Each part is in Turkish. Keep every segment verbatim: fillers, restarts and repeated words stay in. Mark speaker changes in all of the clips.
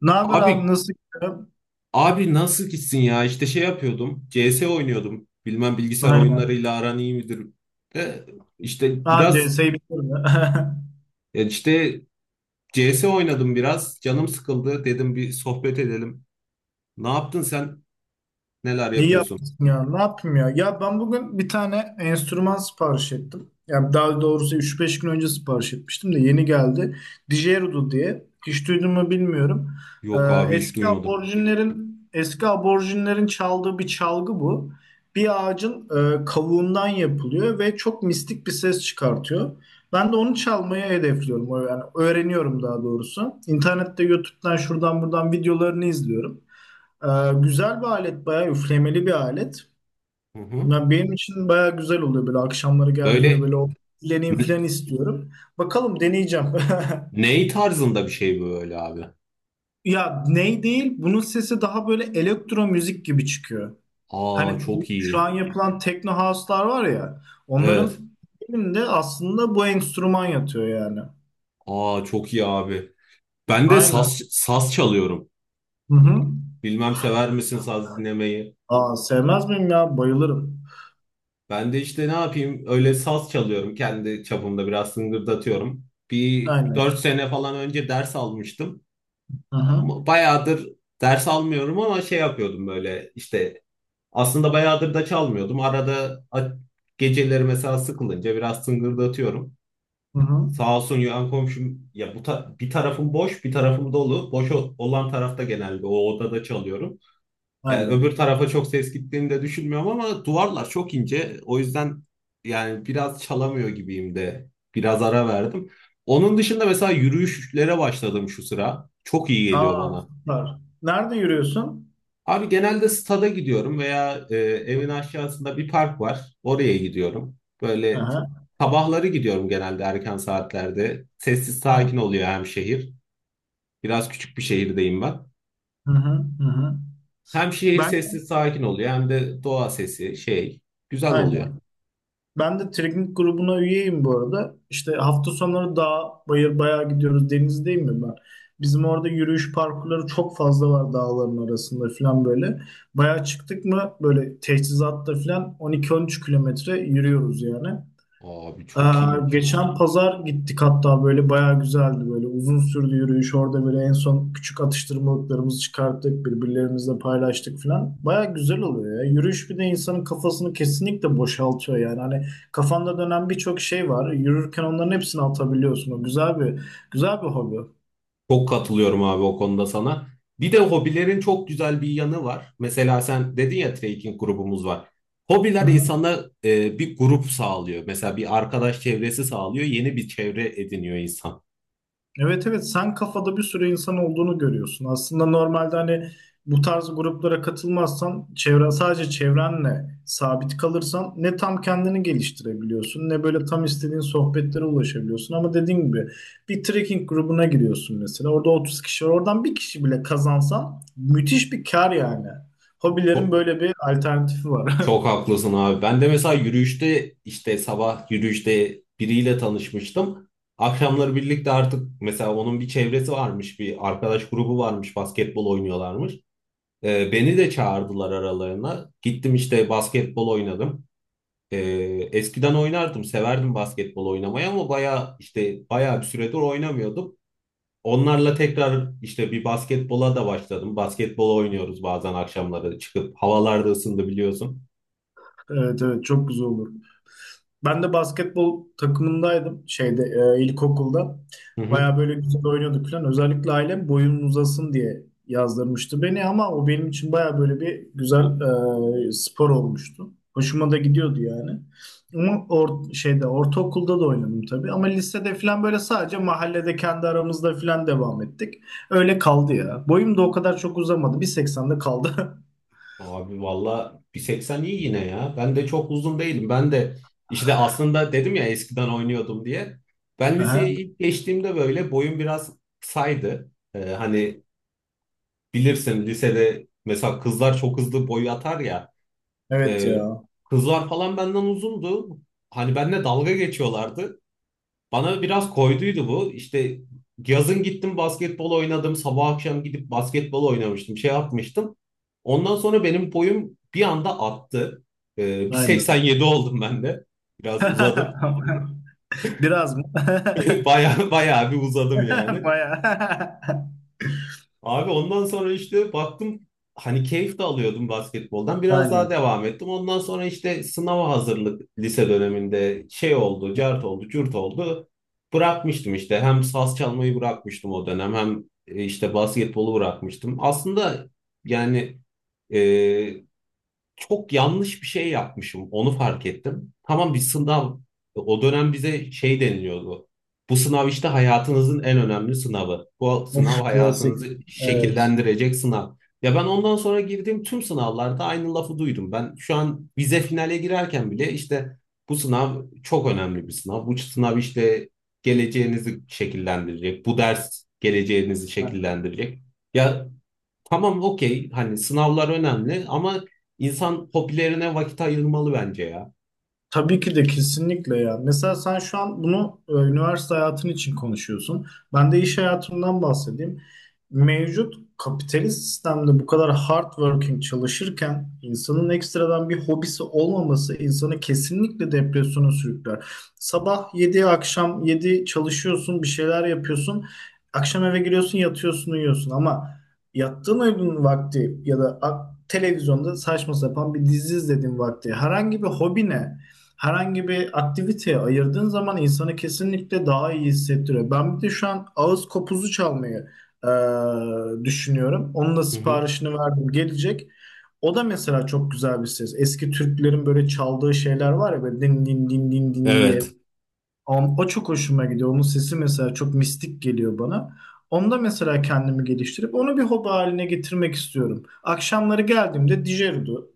Speaker 1: Ne haber abi,
Speaker 2: Abi
Speaker 1: nasıl gidiyor?
Speaker 2: abi nasıl gitsin ya? İşte şey yapıyordum. C S oynuyordum. Bilmem bilgisayar
Speaker 1: Aynen.
Speaker 2: oyunlarıyla aran iyi midir? De, işte
Speaker 1: Daha
Speaker 2: biraz
Speaker 1: C S'yi bitirdi.
Speaker 2: ya işte C S oynadım biraz. Canım sıkıldı. Dedim bir sohbet edelim. Ne yaptın sen? Neler
Speaker 1: İyi
Speaker 2: yapıyorsun?
Speaker 1: yapmışsın ya. Ne yapayım ya? Ya ben bugün bir tane enstrüman sipariş ettim. Yani daha doğrusu üç beş gün önce sipariş etmiştim de yeni geldi. Digerudo diye. Hiç duydun mu bilmiyorum. Ee,
Speaker 2: Yok abi hiç
Speaker 1: eski
Speaker 2: duymadım.
Speaker 1: aborjinlerin eski aborjinlerin çaldığı bir çalgı bu. Bir ağacın e, kavuğundan yapılıyor ve çok mistik bir ses çıkartıyor. Ben de onu çalmayı hedefliyorum. Yani öğreniyorum daha doğrusu. İnternette, YouTube'dan, şuradan buradan videolarını izliyorum. Ee, güzel bir alet, bayağı üflemeli bir alet.
Speaker 2: Hı hı.
Speaker 1: Ya benim için bayağı güzel oluyor, böyle akşamları geldiğimde
Speaker 2: Böyle
Speaker 1: böyle o üfleneyim
Speaker 2: ne,
Speaker 1: falan istiyorum. Bakalım, deneyeceğim.
Speaker 2: Ney tarzında bir şey böyle abi?
Speaker 1: Ya ney değil, bunun sesi daha böyle elektro müzik gibi çıkıyor.
Speaker 2: Aa
Speaker 1: Hani
Speaker 2: çok
Speaker 1: şu
Speaker 2: iyi.
Speaker 1: an yapılan techno house'lar var ya,
Speaker 2: Evet.
Speaker 1: onların de aslında bu enstrüman yatıyor yani.
Speaker 2: Aa çok iyi abi. Ben de
Speaker 1: Aynen.
Speaker 2: saz, saz çalıyorum.
Speaker 1: Hı hı.
Speaker 2: Bilmem sever misin saz dinlemeyi?
Speaker 1: Aa, sevmez miyim ya? Bayılırım.
Speaker 2: Ben de işte ne yapayım öyle saz çalıyorum. Kendi çapımda biraz sıngırdatıyorum. Bir
Speaker 1: Aynen.
Speaker 2: dört sene falan önce ders almıştım.
Speaker 1: Hı hı.
Speaker 2: Ama bayağıdır ders almıyorum ama şey yapıyordum böyle işte aslında bayağıdır da çalmıyordum. Arada a- geceleri mesela sıkılınca biraz sıngırdatıyorum.
Speaker 1: Hı hı.
Speaker 2: Sağ olsun yan komşum ya bu ta- bir tarafım boş bir tarafım dolu. Boş o- olan tarafta genelde o odada çalıyorum. Yani
Speaker 1: Aynen.
Speaker 2: öbür tarafa çok ses gittiğini de düşünmüyorum ama duvarlar çok ince. O yüzden yani biraz çalamıyor gibiyim de. Biraz ara verdim. Onun dışında mesela yürüyüşlere başladım şu sıra. Çok iyi geliyor
Speaker 1: Aa,
Speaker 2: bana.
Speaker 1: süper. Nerede yürüyorsun?
Speaker 2: Abi genelde stada gidiyorum veya e, evin aşağısında bir park var. Oraya gidiyorum. Böyle
Speaker 1: Aha,
Speaker 2: sabahları gidiyorum genelde erken saatlerde. Sessiz
Speaker 1: ha,
Speaker 2: sakin oluyor hem şehir. Biraz küçük bir şehirdeyim ben.
Speaker 1: hı hı, hı hı.
Speaker 2: Hem şehir
Speaker 1: Ben
Speaker 2: sessiz sakin oluyor hem de doğa sesi şey güzel oluyor.
Speaker 1: aynen. Ben de trekking grubuna üyeyim bu arada. İşte hafta sonları dağ, bayır bayağı gidiyoruz. Denizdeyim mi ben? Bizim orada yürüyüş parkurları çok fazla var, dağların arasında falan böyle. Bayağı çıktık mı böyle teçhizatta falan on iki on üç kilometre yürüyoruz yani.
Speaker 2: Abi
Speaker 1: Ee,
Speaker 2: çok iyiymiş ha.
Speaker 1: Geçen pazar gittik hatta, böyle bayağı güzeldi, böyle uzun sürdü yürüyüş orada, böyle en son küçük atıştırmalıklarımızı çıkarttık, birbirlerimizle paylaştık falan. Bayağı güzel oluyor ya yürüyüş, bir de insanın kafasını kesinlikle boşaltıyor yani. Hani kafanda dönen birçok şey var, yürürken onların hepsini atabiliyorsun. O güzel bir güzel bir hobi.
Speaker 2: Çok katılıyorum abi o konuda sana. Bir de hobilerin çok güzel bir yanı var. Mesela sen dedin ya trekking grubumuz var.
Speaker 1: Hı
Speaker 2: Hobiler
Speaker 1: hı.
Speaker 2: insana e, bir grup sağlıyor. Mesela bir arkadaş çevresi sağlıyor. Yeni bir çevre ediniyor insan.
Speaker 1: Evet, evet, sen kafada bir sürü insan olduğunu görüyorsun. Aslında normalde hani bu tarz gruplara katılmazsan, çevren sadece çevrenle sabit kalırsan, ne tam kendini geliştirebiliyorsun ne böyle tam istediğin sohbetlere ulaşabiliyorsun. Ama dediğim gibi bir trekking grubuna giriyorsun mesela, orada otuz kişi var, oradan bir kişi bile kazansan müthiş bir kar yani. Hobilerin
Speaker 2: Çok
Speaker 1: böyle bir alternatifi var.
Speaker 2: çok haklısın abi. Ben de mesela yürüyüşte işte sabah yürüyüşte biriyle tanışmıştım. Akşamları birlikte artık mesela onun bir çevresi varmış, bir arkadaş grubu varmış, basketbol oynuyorlarmış. Ee, beni de çağırdılar aralarına. Gittim işte basketbol oynadım. Ee, Eskiden oynardım, severdim basketbol oynamayı ama bayağı işte bayağı bir süredir oynamıyordum. Onlarla tekrar işte bir basketbola da başladım. Basketbol oynuyoruz bazen akşamları çıkıp havalarda ısındı biliyorsun.
Speaker 1: Evet, evet, çok güzel olur. Ben de basketbol takımındaydım şeyde, e, ilkokulda.
Speaker 2: Hı hı.
Speaker 1: Baya böyle güzel oynuyorduk falan. Özellikle ailem boyun uzasın diye yazdırmıştı beni, ama o benim için baya böyle bir güzel e, spor olmuştu. Hoşuma da gidiyordu yani. Ama or şeyde ortaokulda da oynadım tabii, ama lisede falan böyle sadece mahallede kendi aramızda falan devam ettik. Öyle kaldı ya. Boyum da o kadar çok uzamadı. bir seksende kaldı.
Speaker 2: Abi valla bir seksen iyi yine ya. Ben de çok uzun değilim. Ben de işte aslında dedim ya eskiden oynuyordum diye. Ben
Speaker 1: Aha.
Speaker 2: liseyi ilk geçtiğimde böyle boyum biraz saydı. Ee, hani Bilirsin lisede mesela kızlar çok hızlı boy atar ya.
Speaker 1: Evet
Speaker 2: E,
Speaker 1: ya.
Speaker 2: Kızlar falan benden uzundu. Hani benimle dalga geçiyorlardı. Bana biraz koyduydu bu. İşte yazın gittim basketbol oynadım. Sabah akşam gidip basketbol oynamıştım. Şey yapmıştım. Ondan sonra benim boyum bir anda attı. E, bir
Speaker 1: Aynen.
Speaker 2: seksen yedi oldum ben de. Biraz uzadım.
Speaker 1: Biraz mı?
Speaker 2: Bayağı bayağı bir uzadım yani.
Speaker 1: Bayağı.
Speaker 2: Abi ondan sonra işte baktım hani keyif de alıyordum basketboldan. Biraz
Speaker 1: Aynen.
Speaker 2: daha devam ettim. Ondan sonra işte sınava hazırlık lise döneminde şey oldu, cart oldu, cürt oldu. Bırakmıştım işte. Hem saz çalmayı bırakmıştım o dönem hem e, işte basketbolu bırakmıştım. Aslında yani e, çok yanlış bir şey yapmışım. Onu fark ettim. Tamam, bir sınav. O dönem bize şey deniliyordu. Bu sınav işte hayatınızın en önemli sınavı. Bu sınav
Speaker 1: Of, klasik.
Speaker 2: hayatınızı
Speaker 1: Evet.
Speaker 2: şekillendirecek sınav. Ya, ben ondan sonra girdiğim tüm sınavlarda aynı lafı duydum. Ben şu an vize finale girerken bile işte bu sınav çok önemli bir sınav. Bu sınav işte geleceğinizi şekillendirecek. Bu ders geleceğinizi şekillendirecek. Ya, Tamam, okey, hani sınavlar önemli ama insan hobilerine vakit ayırmalı bence ya.
Speaker 1: Tabii ki de, kesinlikle ya. Mesela sen şu an bunu e, üniversite hayatın için konuşuyorsun. Ben de iş hayatımdan bahsedeyim. Mevcut kapitalist sistemde bu kadar hard working çalışırken, insanın ekstradan bir hobisi olmaması insanı kesinlikle depresyona sürükler. Sabah yedi akşam yedi çalışıyorsun, bir şeyler yapıyorsun. Akşam eve giriyorsun, yatıyorsun, uyuyorsun, ama yattığın uyuduğun vakti ya da a- televizyonda saçma sapan bir dizi izlediğin vakti herhangi bir hobine, herhangi bir aktiviteye ayırdığın zaman insanı kesinlikle daha iyi hissettiriyor. Ben bir de şu an ağız kopuzu çalmayı e, düşünüyorum. Onun da
Speaker 2: Hı hı.
Speaker 1: siparişini verdim. Gelecek. O da mesela çok güzel bir ses. Eski Türklerin böyle çaldığı şeyler var ya, böyle din din din din din diye.
Speaker 2: Evet.
Speaker 1: O, o çok hoşuma gidiyor. Onun sesi mesela çok mistik geliyor bana. Onda mesela kendimi geliştirip onu bir hobi haline getirmek istiyorum. Akşamları geldiğimde Dijerudu,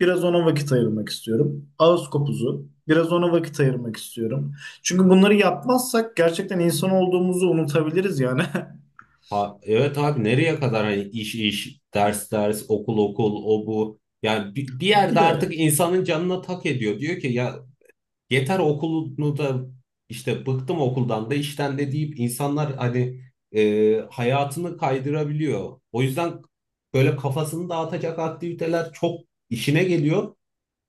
Speaker 1: biraz ona vakit ayırmak istiyorum. Ağız kopuzu, biraz ona vakit ayırmak istiyorum. Çünkü bunları yapmazsak gerçekten insan olduğumuzu unutabiliriz yani.
Speaker 2: Ha, evet abi, nereye kadar hani iş iş, ders ders, okul okul, o bu. Yani bir, bir
Speaker 1: Bir
Speaker 2: yerde
Speaker 1: de
Speaker 2: artık insanın canına tak ediyor. Diyor ki ya, yeter okulunu da işte bıktım okuldan da işten de deyip insanlar hani e, hayatını kaydırabiliyor. O yüzden böyle kafasını dağıtacak aktiviteler çok işine geliyor.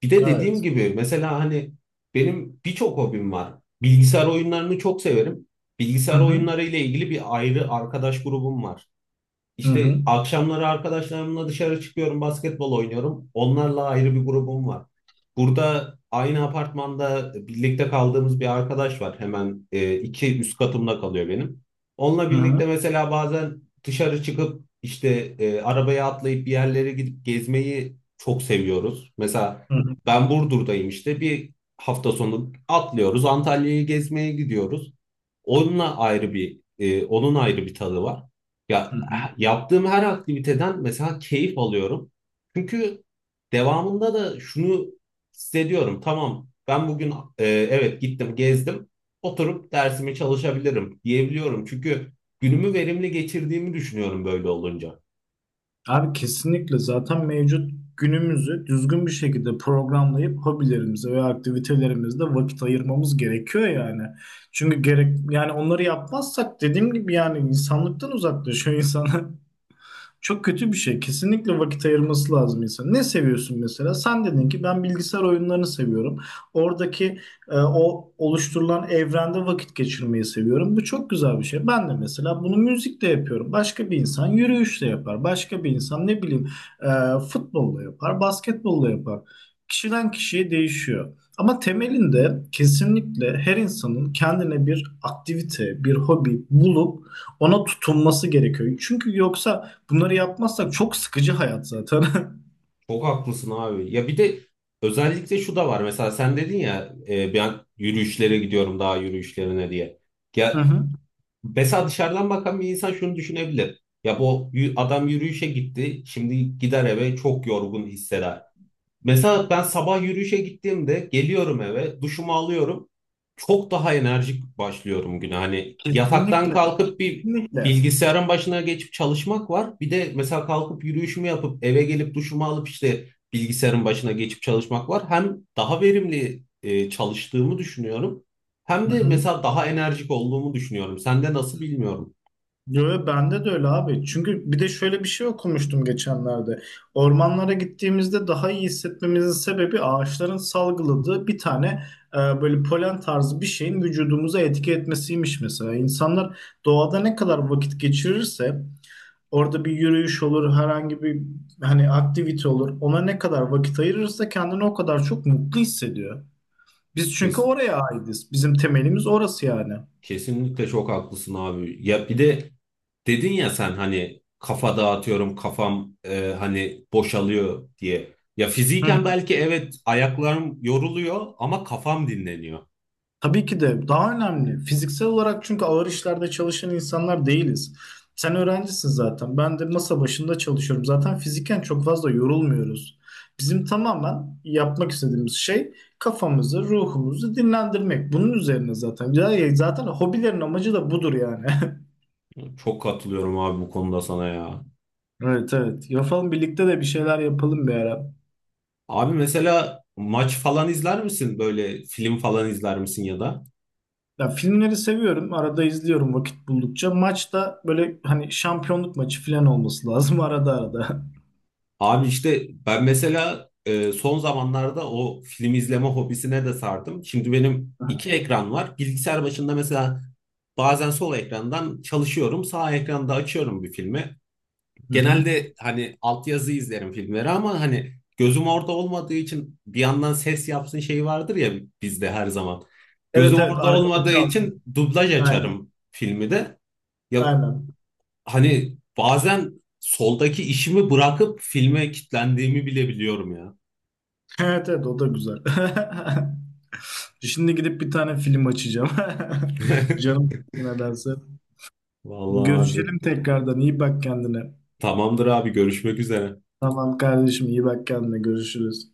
Speaker 2: Bir de dediğim
Speaker 1: evet.
Speaker 2: gibi mesela hani benim birçok hobim var. Bilgisayar oyunlarını çok severim.
Speaker 1: Hı
Speaker 2: Bilgisayar
Speaker 1: hı.
Speaker 2: oyunları ile ilgili bir ayrı arkadaş grubum var.
Speaker 1: Hı
Speaker 2: İşte
Speaker 1: hı.
Speaker 2: akşamları arkadaşlarımla dışarı çıkıyorum, basketbol oynuyorum. Onlarla ayrı bir grubum var. Burada aynı apartmanda birlikte kaldığımız bir arkadaş var. Hemen e, iki üst katımda kalıyor benim. Onunla
Speaker 1: Hı hı.
Speaker 2: birlikte mesela bazen dışarı çıkıp işte e, arabaya atlayıp bir yerlere gidip gezmeyi çok seviyoruz. Mesela
Speaker 1: Hı hı.
Speaker 2: ben Burdur'dayım, işte bir hafta sonu atlıyoruz Antalya'yı gezmeye gidiyoruz. Onunla ayrı bir e, onun ayrı bir tadı var.
Speaker 1: Hı
Speaker 2: Ya,
Speaker 1: hı.
Speaker 2: yaptığım her aktiviteden mesela keyif alıyorum. Çünkü devamında da şunu hissediyorum. Tamam, ben bugün e, evet gittim gezdim, oturup dersimi çalışabilirim diyebiliyorum. Çünkü günümü verimli geçirdiğimi düşünüyorum böyle olunca.
Speaker 1: Abi kesinlikle, zaten mevcut günümüzü düzgün bir şekilde programlayıp hobilerimize ve aktivitelerimizde vakit ayırmamız gerekiyor yani. Çünkü gerek yani, onları yapmazsak dediğim gibi yani insanlıktan uzaklaşıyor insan. Çok kötü bir şey. Kesinlikle vakit ayırması lazım insan. Ne seviyorsun mesela? Sen dedin ki ben bilgisayar oyunlarını seviyorum. Oradaki e, o oluşturulan evrende vakit geçirmeyi seviyorum. Bu çok güzel bir şey. Ben de mesela bunu müzikle yapıyorum. Başka bir insan yürüyüşle yapar. Başka bir insan ne bileyim e, futbolla yapar, basketbolla yapar. Kişiden kişiye değişiyor. Ama temelinde kesinlikle her insanın kendine bir aktivite, bir hobi bulup ona tutunması gerekiyor. Çünkü yoksa bunları yapmazsak çok sıkıcı hayat zaten.
Speaker 2: Çok haklısın abi. Ya bir de özellikle şu da var. Mesela sen dedin ya e, ben yürüyüşlere gidiyorum daha yürüyüşlerine diye.
Speaker 1: Hı
Speaker 2: Ya,
Speaker 1: hı.
Speaker 2: Mesela dışarıdan bakan bir insan şunu düşünebilir. Ya bu yü- adam yürüyüşe gitti, şimdi gider eve çok yorgun hisseder. Mesela ben sabah yürüyüşe gittiğimde geliyorum eve, duşumu alıyorum. Çok daha enerjik başlıyorum güne. Hani yataktan
Speaker 1: Kesinlikle,
Speaker 2: kalkıp bir
Speaker 1: kesinlikle.
Speaker 2: bilgisayarın başına geçip çalışmak var. Bir de mesela kalkıp yürüyüşümü yapıp eve gelip duşumu alıp işte bilgisayarın başına geçip çalışmak var. Hem daha verimli e, çalıştığımı düşünüyorum. Hem
Speaker 1: Hı
Speaker 2: de
Speaker 1: hı.
Speaker 2: mesela daha enerjik olduğumu düşünüyorum. Sende nasıl bilmiyorum.
Speaker 1: Yo, yo, bende de öyle abi. Çünkü bir de şöyle bir şey okumuştum geçenlerde. Ormanlara gittiğimizde daha iyi hissetmemizin sebebi ağaçların salgıladığı bir tane e, böyle polen tarzı bir şeyin vücudumuza etki etmesiymiş mesela. İnsanlar doğada ne kadar vakit geçirirse, orada bir yürüyüş olur, herhangi bir hani aktivite olur, ona ne kadar vakit ayırırsa kendini o kadar çok mutlu hissediyor. Biz çünkü
Speaker 2: Kes-
Speaker 1: oraya aitiz. Bizim temelimiz orası yani.
Speaker 2: kesinlikle çok haklısın abi. Ya bir de Dedin ya sen hani kafa dağıtıyorum, kafam e, hani boşalıyor diye. Ya
Speaker 1: Hı hı.
Speaker 2: fiziken belki evet ayaklarım yoruluyor ama kafam dinleniyor.
Speaker 1: Tabii ki de daha önemli. Fiziksel olarak çünkü ağır işlerde çalışan insanlar değiliz. Sen öğrencisin zaten. Ben de masa başında çalışıyorum. Zaten fiziken çok fazla yorulmuyoruz. Bizim tamamen yapmak istediğimiz şey kafamızı, ruhumuzu dinlendirmek. Bunun üzerine zaten. Ya- Zaten hobilerin amacı da budur yani.
Speaker 2: Çok katılıyorum abi bu konuda sana ya.
Speaker 1: Evet, evet. Yapalım, birlikte de bir şeyler yapalım bir ara.
Speaker 2: Abi, mesela maç falan izler misin? Böyle film falan izler misin ya da?
Speaker 1: Ya, filmleri seviyorum. Arada izliyorum vakit buldukça. Maçta böyle hani şampiyonluk maçı falan olması lazım arada arada.
Speaker 2: Abi işte ben mesela e, son zamanlarda o film izleme hobisine de sardım. Şimdi benim iki ekran var. Bilgisayar başında mesela Bazen sol ekrandan çalışıyorum, sağ ekranda açıyorum bir filmi.
Speaker 1: Hı hı.
Speaker 2: Genelde hani altyazı izlerim filmleri ama hani gözüm orada olmadığı için bir yandan ses yapsın şeyi vardır ya bizde her zaman.
Speaker 1: Evet,
Speaker 2: Gözüm
Speaker 1: evet,
Speaker 2: orada
Speaker 1: arkada
Speaker 2: olmadığı
Speaker 1: çalsın.
Speaker 2: için dublaj
Speaker 1: Aynen.
Speaker 2: açarım filmi de. Ya
Speaker 1: Aynen.
Speaker 2: hani bazen soldaki işimi bırakıp filme kitlendiğimi bile biliyorum ya.
Speaker 1: Evet, evet, o da güzel. Şimdi gidip bir tane film açacağım. Canım nedense.
Speaker 2: Vallahi abi.
Speaker 1: Görüşelim tekrardan. İyi bak kendine.
Speaker 2: Tamamdır abi, görüşmek üzere.
Speaker 1: Tamam kardeşim, iyi bak kendine. Görüşürüz.